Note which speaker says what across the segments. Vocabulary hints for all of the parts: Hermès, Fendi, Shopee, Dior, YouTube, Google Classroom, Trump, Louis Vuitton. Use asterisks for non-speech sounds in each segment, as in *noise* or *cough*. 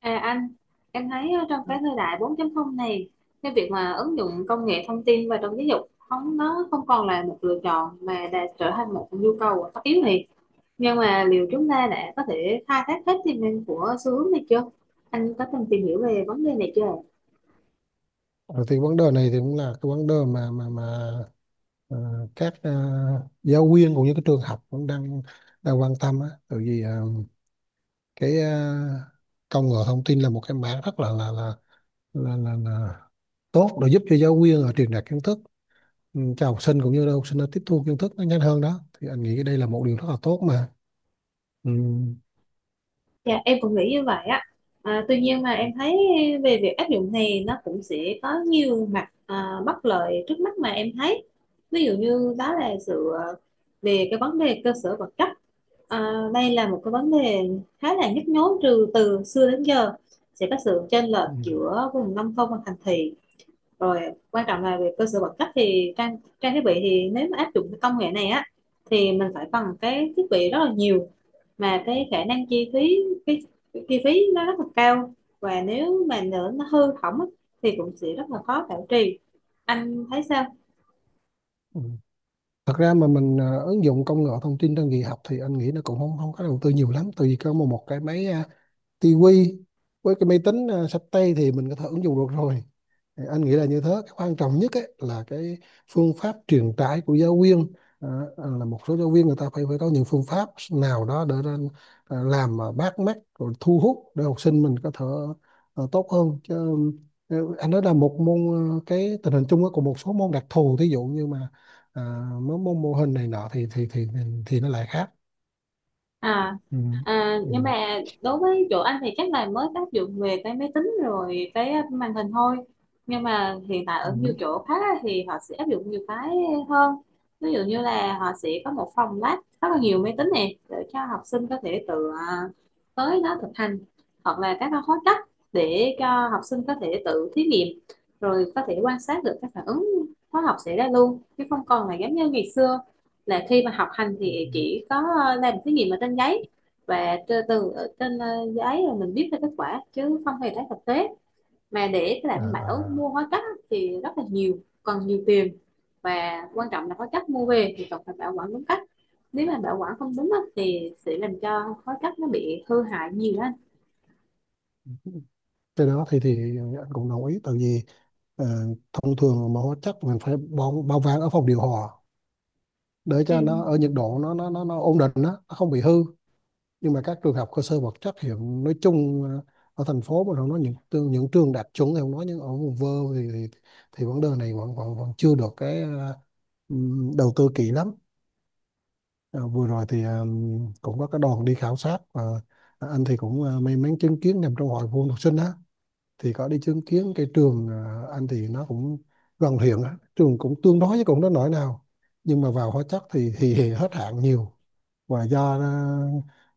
Speaker 1: À anh, em thấy trong cái thời đại 4.0 này, cái việc mà ứng dụng công nghệ thông tin vào trong giáo dục không nó không còn là một lựa chọn mà đã trở thành một nhu cầu tất yếu này. Nhưng mà liệu chúng ta đã có thể khai thác hết tiềm năng của xu hướng này chưa? Anh có từng tìm hiểu về vấn đề này chưa?
Speaker 2: Ờ, thì vấn đề này thì cũng là cái vấn đề mà các giáo viên cũng như các trường học cũng đang đang quan tâm á, tại vì cái công nghệ thông tin là một cái mảng rất là tốt để giúp cho giáo viên ở truyền đạt kiến thức cho học sinh cũng như là học sinh nó tiếp thu kiến thức nó nhanh hơn đó. Thì anh nghĩ cái đây là một điều rất là tốt mà ừ.
Speaker 1: Dạ em cũng nghĩ như vậy á. À, tuy nhiên mà em thấy về việc áp dụng này nó cũng sẽ có nhiều mặt bất lợi trước mắt mà em thấy. Ví dụ như đó là sự về cái vấn đề cơ sở vật chất. À, đây là một cái vấn đề khá là nhức nhối từ từ xưa đến giờ, sẽ có sự chênh lệch
Speaker 2: Ừ.
Speaker 1: giữa vùng nông thôn và thành thị, rồi quan trọng là về cơ sở vật chất thì trang trang thiết bị thì nếu mà áp dụng cái công nghệ này á thì mình phải cần cái thiết bị rất là nhiều, mà cái khả năng chi phí, cái, cái chi phí nó rất là cao, và nếu mà nữa nó hư hỏng á, thì cũng sẽ rất là khó bảo trì. Anh thấy sao?
Speaker 2: Ừ. Thật ra mà mình ứng dụng công nghệ thông tin trong dạy học thì anh nghĩ nó cũng không không có đầu tư nhiều lắm, tại vì có một một cái máy tivi với cái máy tính xách tay thì mình có thể ứng dụng được rồi. Thì anh nghĩ là như thế, cái quan trọng nhất ấy, là cái phương pháp truyền tải của giáo viên. à, là một số giáo viên người ta phải phải có những phương pháp nào đó để ra, làm mà bắt mắt rồi thu hút để học sinh mình có thể tốt hơn chứ. Anh nói là một môn, cái tình hình chung á, của một số môn đặc thù, thí dụ như mà à, mấy môn mô hình này nọ thì nó lại khác.
Speaker 1: à,
Speaker 2: Ừ.
Speaker 1: À
Speaker 2: Ừ.
Speaker 1: nhưng mà đối với chỗ anh thì chắc là mới áp dụng về cái máy tính rồi cái màn hình thôi, nhưng mà hiện tại ở nhiều
Speaker 2: Ừ.
Speaker 1: chỗ khác á, thì họ sẽ áp dụng nhiều cái hơn. Ví dụ như là họ sẽ có một phòng lab rất là nhiều máy tính này để cho học sinh có thể tự tới đó thực hành, hoặc là các cái khóa cách để cho học sinh có thể tự thí nghiệm, rồi có thể quan sát được các phản ứng hóa học xảy ra luôn, chứ không còn là giống như ngày xưa là khi mà học hành
Speaker 2: Ừ.
Speaker 1: thì
Speaker 2: Ừ.
Speaker 1: chỉ có làm thí nghiệm ở trên giấy, và từ từ ở trên giấy rồi mình viết ra kết quả chứ không hề thấy thực tế. Mà để cái
Speaker 2: À,
Speaker 1: đảm bảo
Speaker 2: à.
Speaker 1: mua hóa chất á, thì rất là nhiều, cần nhiều tiền, và quan trọng là hóa chất mua về thì cần phải bảo quản đúng cách. Nếu mà bảo quản không đúng á, thì sẽ làm cho hóa chất nó bị hư hại nhiều hơn.
Speaker 2: Cái đó thì anh cũng đồng ý, tại vì ờ, thông thường mà hóa chất mình phải bao bao vàng ở phòng điều hòa để cho nó
Speaker 1: Ừ.
Speaker 2: ở nhiệt độ nó ổn định đó, nó không bị hư. Nhưng mà các trường học cơ sở vật chất hiện nói chung, ở thành phố mà nó nói những trường đạt chuẩn thì không nói, nhưng ở vùng vơ thì thì, thì vấn đề này vẫn vẫn vẫn chưa được cái đầu tư kỹ lắm. Ờ, vừa rồi thì cũng có cái đoàn đi khảo sát, và anh thì cũng may mắn chứng kiến, nằm trong hội phụ huynh học sinh đó, thì có đi chứng kiến cái trường, anh thì nó cũng gần huyện á, trường cũng tương đối chứ cũng đó nổi nào. Nhưng mà vào hóa chất thì hết hạn nhiều, và do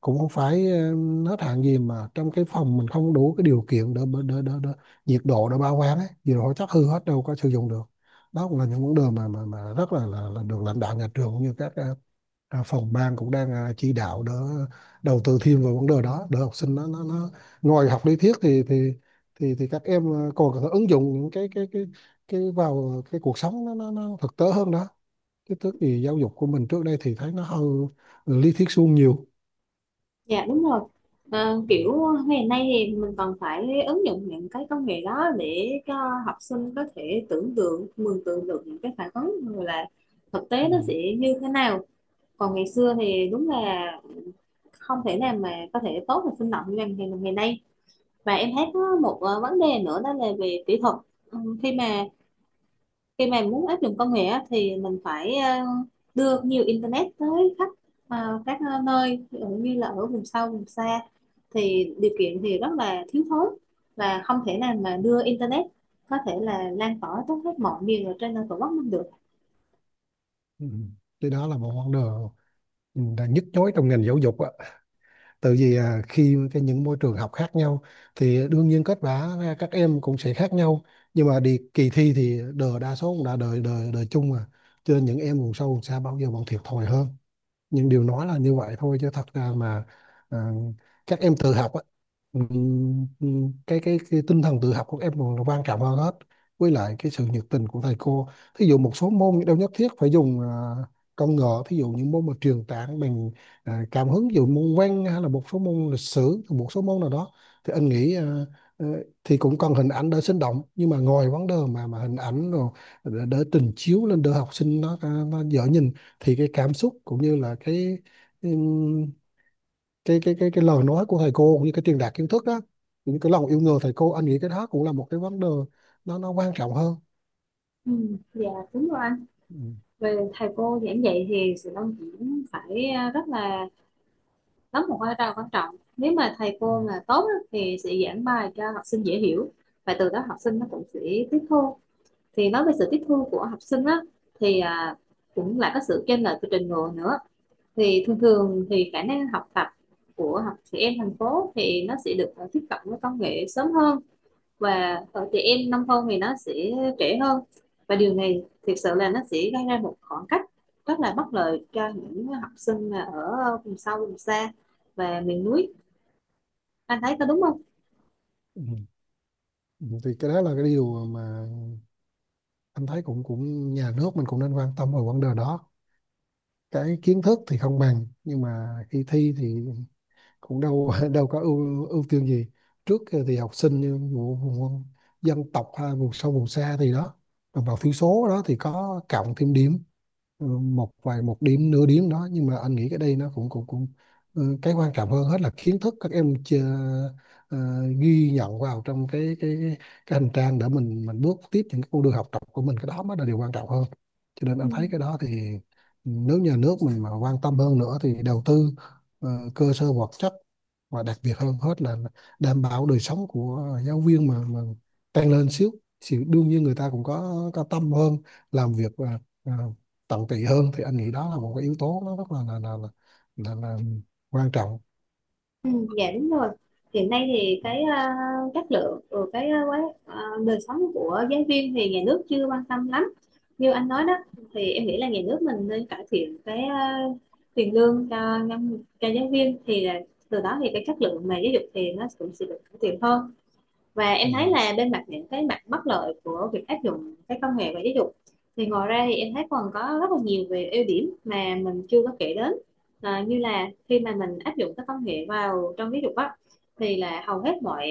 Speaker 2: cũng không phải hết hạn gì, mà trong cái phòng mình không đủ cái điều kiện để nhiệt độ để bảo quản ấy, nhiệt độ hóa chất hư hết đâu có sử dụng được. Đó cũng là những vấn đề mà rất là là được lãnh đạo nhà trường cũng như các phòng ban cũng đang chỉ đạo đỡ đầu tư thêm vào vấn đề đó để học sinh nó ngoài học lý thuyết thì các em còn có thể ứng dụng những cái vào cái cuộc sống nó thực tế hơn đó. Cái tức thì giáo dục của mình trước đây thì thấy nó hơi lý thuyết suông nhiều.
Speaker 1: Dạ đúng rồi. Ờ, kiểu ngày nay thì mình còn phải ứng dụng những cái công nghệ đó để cho học sinh có thể tưởng tượng, mường tượng được những cái phản ứng rồi là thực tế nó sẽ
Speaker 2: Ừ.
Speaker 1: như thế nào. Còn ngày xưa thì đúng là không thể nào mà có thể tốt và sinh động như ngày ngày ngày nay. Và em thấy có một vấn đề nữa đó là về kỹ thuật. Ừ, khi mà muốn áp dụng công nghệ á, thì mình phải đưa nhiều internet tới khắp các nơi, ví dụ như là ở vùng sâu vùng xa thì điều kiện thì rất là thiếu thốn, và không thể nào mà đưa internet có thể là lan tỏa tới hết mọi miền ở trên tổ quốc mình được.
Speaker 2: Ừ. Thì đó là một vấn đề đang nhức nhối trong ngành giáo dục á, tại vì khi cái những môi trường học khác nhau thì đương nhiên kết quả ra các em cũng sẽ khác nhau, nhưng mà đi kỳ thi thì đời đa số cũng đã đời đời đời chung mà, cho nên những em vùng sâu vùng xa bao giờ vẫn thiệt thòi hơn. Nhưng điều nói là như vậy thôi, chứ thật ra mà à, các em tự học á. Cái tinh thần tự học của các em còn là quan trọng hơn hết, với lại cái sự nhiệt tình của thầy cô. Thí dụ một số môn đâu nhất thiết phải dùng công nghệ, thí dụ những môn mà truyền tảng bằng cảm hứng, ví dụ môn văn hay là một số môn lịch sử, một số môn nào đó thì anh nghĩ ờ, thì cũng cần hình ảnh đỡ sinh động, nhưng mà ngồi vấn đề mà hình ảnh rồi đỡ đỡ trình chiếu lên đỡ học sinh nó dở nhìn, thì cái cảm xúc cũng như là cái ừm, cái lời nói của thầy cô cũng như cái truyền đạt kiến thức đó, những cái lòng yêu nghề thầy cô, anh nghĩ cái đó cũng là một cái vấn đề nó quan trọng hơn.
Speaker 1: Ừ, dạ đúng rồi anh.
Speaker 2: Ừ,
Speaker 1: Về thầy cô giảng dạy thì sự đông diễn phải rất là đóng một vai trò quan trọng. Nếu mà thầy
Speaker 2: ừ,
Speaker 1: cô mà tốt á, thì sẽ giảng bài cho học sinh dễ hiểu, và từ đó học sinh nó cũng sẽ tiếp thu. Thì nói về sự tiếp thu của học sinh á thì cũng là có sự chênh lệch về trình độ nữa. Thì thường thường thì khả năng học tập của học trẻ em thành phố thì nó sẽ được tiếp cận với công nghệ sớm hơn, và ở trẻ em nông thôn thì nó sẽ trễ hơn. Và điều này thực sự là nó sẽ gây ra một khoảng cách rất là bất lợi cho những học sinh mà ở vùng sâu vùng xa và miền núi. Anh thấy có đúng không?
Speaker 2: ừ, ừ. Thì cái đó là cái điều mà anh thấy, cũng cũng nhà nước mình cũng nên quan tâm vào vấn đề đó. Cái kiến thức thì không bằng, nhưng mà khi thi thì cũng đâu *laughs* đâu có ưu ưu tiên gì trước, thì học sinh như vùng dân tộc hay vùng sâu vùng xa thì đó, đồng bào thiểu số đó thì có cộng thêm điểm, một vài một điểm nửa điểm đó, nhưng mà anh nghĩ cái đây nó cũng cũng cũng cái quan trọng hơn hết là kiến thức các em chưa, ờ, ghi nhận vào trong cái hành trang để mình bước tiếp những cái con đường học tập của mình, cái đó mới là điều quan trọng hơn. Cho nên
Speaker 1: Ừ.
Speaker 2: anh thấy cái đó thì nếu nhà nước mình mà quan tâm hơn nữa thì đầu tư ờ, cơ sở vật chất, và đặc biệt hơn hết là đảm bảo đời sống của giáo viên mà tăng lên xíu, thì đương nhiên người ta cũng có tâm hơn làm việc và tận tụy hơn, thì anh nghĩ đó là một cái yếu tố nó rất là quan trọng.
Speaker 1: Ừ, dạ đúng rồi. Hiện nay thì cái chất lượng của cái đời sống của giáo viên thì nhà nước chưa quan tâm lắm. Như anh nói đó thì em nghĩ là nhà nước mình nên cải thiện cái tiền lương cho nhân cho giáo viên, thì là từ đó thì cái chất lượng mà giáo dục thì nó cũng sẽ được cải thiện hơn. Và em thấy
Speaker 2: Ừ.
Speaker 1: là bên mặt những cái mặt bất lợi của việc áp dụng cái công nghệ và giáo dục thì ngoài ra thì em thấy còn có rất là nhiều về ưu điểm mà mình chưa có kể đến. À, như là khi mà mình áp dụng các công nghệ vào trong giáo dục á thì là hầu hết mọi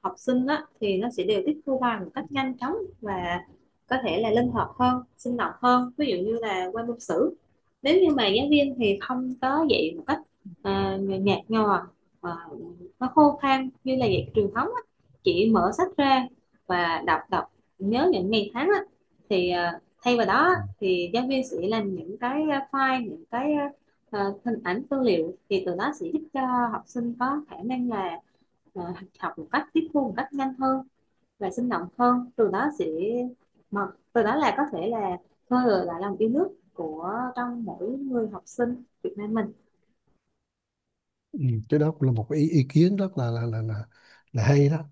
Speaker 1: học sinh á, thì nó sẽ đều tiếp thu bài một cách nhanh chóng, và có thể là linh hoạt hơn, sinh động hơn. Ví dụ như là qua môn sử. Nếu như mà giáo viên thì không có dạy một cách nhạt nhòa, à, nó khô khan như là dạy truyền thống á, chỉ mở sách ra và đọc đọc nhớ những ngày tháng á, thì thay vào đó
Speaker 2: Ừ.
Speaker 1: thì giáo viên sẽ làm những cái file, những cái hình ảnh tư liệu, thì từ đó sẽ giúp cho học sinh có khả năng là ờ, học một cách, tiếp thu một cách nhanh hơn và sinh động hơn, từ đó sẽ mà từ đó là có thể là khơi gợi lại lòng yêu nước của trong mỗi người học sinh Việt Nam mình.
Speaker 2: Ừ. Cái đó cũng là một cái ý kiến rất là hay đó,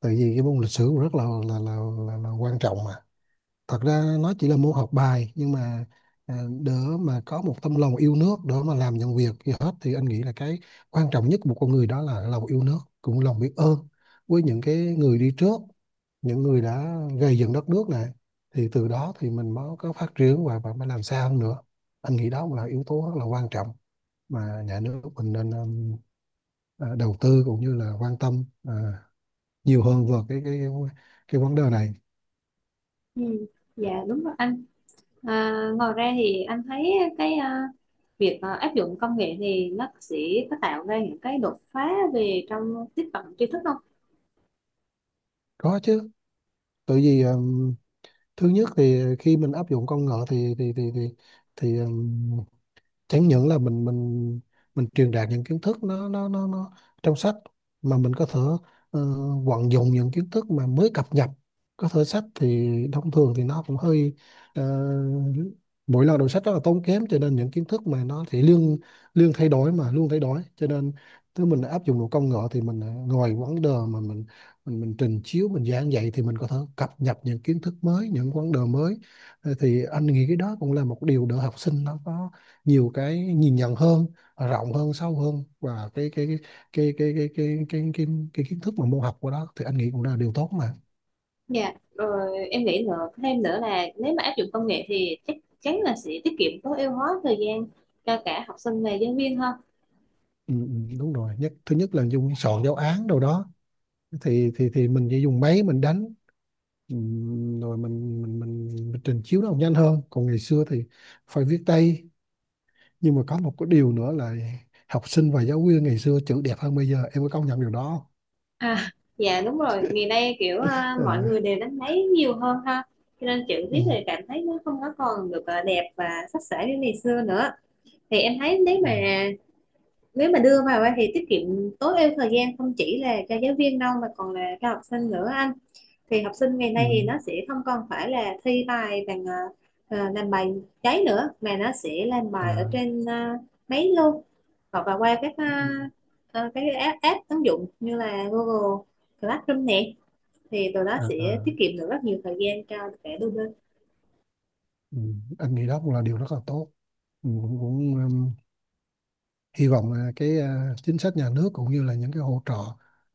Speaker 2: tại vì cái môn lịch sử cũng rất là quan trọng mà. Thật ra nó chỉ là môn học bài, nhưng mà đỡ mà có một tấm lòng yêu nước đỡ mà làm những việc gì hết, thì anh nghĩ là cái quan trọng nhất của một con người đó là lòng yêu nước, cũng lòng biết ơn với những cái người đi trước, những người đã gây dựng đất nước này, thì từ đó thì mình mới có phát triển và mới làm sao hơn nữa. Anh nghĩ đó cũng là yếu tố rất là quan trọng mà nhà nước mình nên đầu tư cũng như là quan tâm nhiều hơn vào cái vấn đề này.
Speaker 1: Ừ. Dạ đúng rồi anh. À, ngoài ra thì anh thấy cái việc áp dụng công nghệ thì nó sẽ có tạo ra những cái đột phá về trong tiếp cận tri thức không?
Speaker 2: Có chứ, tại vì thứ nhất thì khi mình áp dụng công nghệ thì chẳng những là mình truyền đạt những kiến thức nó trong sách, mà mình có thể ờ, vận dụng những kiến thức mà mới cập nhật. Có thể sách thì thông thường thì nó cũng hơi ờ, mỗi lần đọc sách rất là tốn kém, cho nên những kiến thức mà nó thì liên liên thay đổi mà luôn thay đổi, cho nên nếu mình áp dụng một công nghệ thì mình ngồi vấn đề mà mình trình chiếu mình giảng dạy thì mình có thể cập nhật những kiến thức mới, những vấn đề mới. Thì anh nghĩ cái đó cũng là một điều để học sinh nó có nhiều cái nhìn nhận hơn, rộng hơn, sâu hơn, và cái cái cái cái cái, cái, cái kiến thức mà môn học của đó thì anh nghĩ cũng là điều tốt mà.
Speaker 1: Dạ rồi em nghĩ nữa, thêm nữa là nếu mà áp dụng công nghệ thì chắc chắn là sẽ tiết kiệm, tối ưu hóa thời gian cho cả học sinh và giáo viên hơn.
Speaker 2: Ừ, ừ, đúng rồi, thứ nhất là dùng soạn giáo án đâu đó thì mình chỉ dùng máy mình đánh, ừ, rồi mình trình chiếu nó nhanh hơn. Còn ngày xưa thì phải viết tay, nhưng mà có một cái điều nữa là học sinh và giáo viên ngày xưa chữ đẹp hơn bây giờ, em có công nhận điều đó không?
Speaker 1: Dạ đúng rồi, ngày nay kiểu
Speaker 2: Ờ,
Speaker 1: mọi người đều đánh máy nhiều hơn ha. Cho nên chữ
Speaker 2: ừ,
Speaker 1: viết thì cảm thấy nó không có còn được đẹp và sắc sảo như ngày xưa nữa. Thì em thấy
Speaker 2: ừ,
Speaker 1: nếu mà đưa vào á thì tiết kiệm, tối ưu thời gian không chỉ là cho giáo viên đâu mà còn là cho học sinh nữa anh. Thì học sinh ngày
Speaker 2: ừ,
Speaker 1: nay thì nó sẽ không còn phải là thi bài bằng làm bài giấy nữa, mà nó sẽ làm
Speaker 2: à,
Speaker 1: bài ở trên máy luôn, hoặc là qua các
Speaker 2: ừ,
Speaker 1: cái app ứng dụng như là Google Classroom nè, thì từ đó
Speaker 2: à,
Speaker 1: sẽ
Speaker 2: à.
Speaker 1: tiết kiệm được rất nhiều thời gian cho cả đôi bên.
Speaker 2: Ừ, anh nghĩ đó cũng là điều rất là tốt. Ừ, cũng cũng hy vọng là cái chính sách nhà nước cũng như là những cái hỗ trợ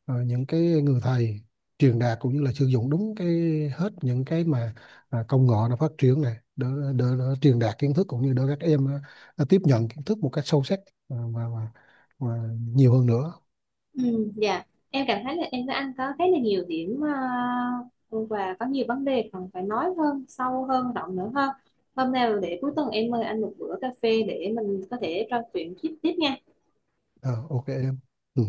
Speaker 2: những cái người thầy truyền đạt cũng như là sử dụng đúng cái hết những cái mà công nghệ nó phát triển này để, để truyền đạt kiến thức cũng như để các em tiếp nhận kiến thức một cách sâu sắc, à, và, và, và nhiều hơn nữa.
Speaker 1: Ừ, dạ em cảm thấy là em với anh có khá là nhiều điểm ờ, và có nhiều vấn đề cần phải nói hơn, sâu hơn, rộng nữa hơn. Hôm nào để cuối tuần em mời anh một bữa cà phê để mình có thể trò chuyện tiếp tiếp nha.
Speaker 2: Ờ, ok em ừ.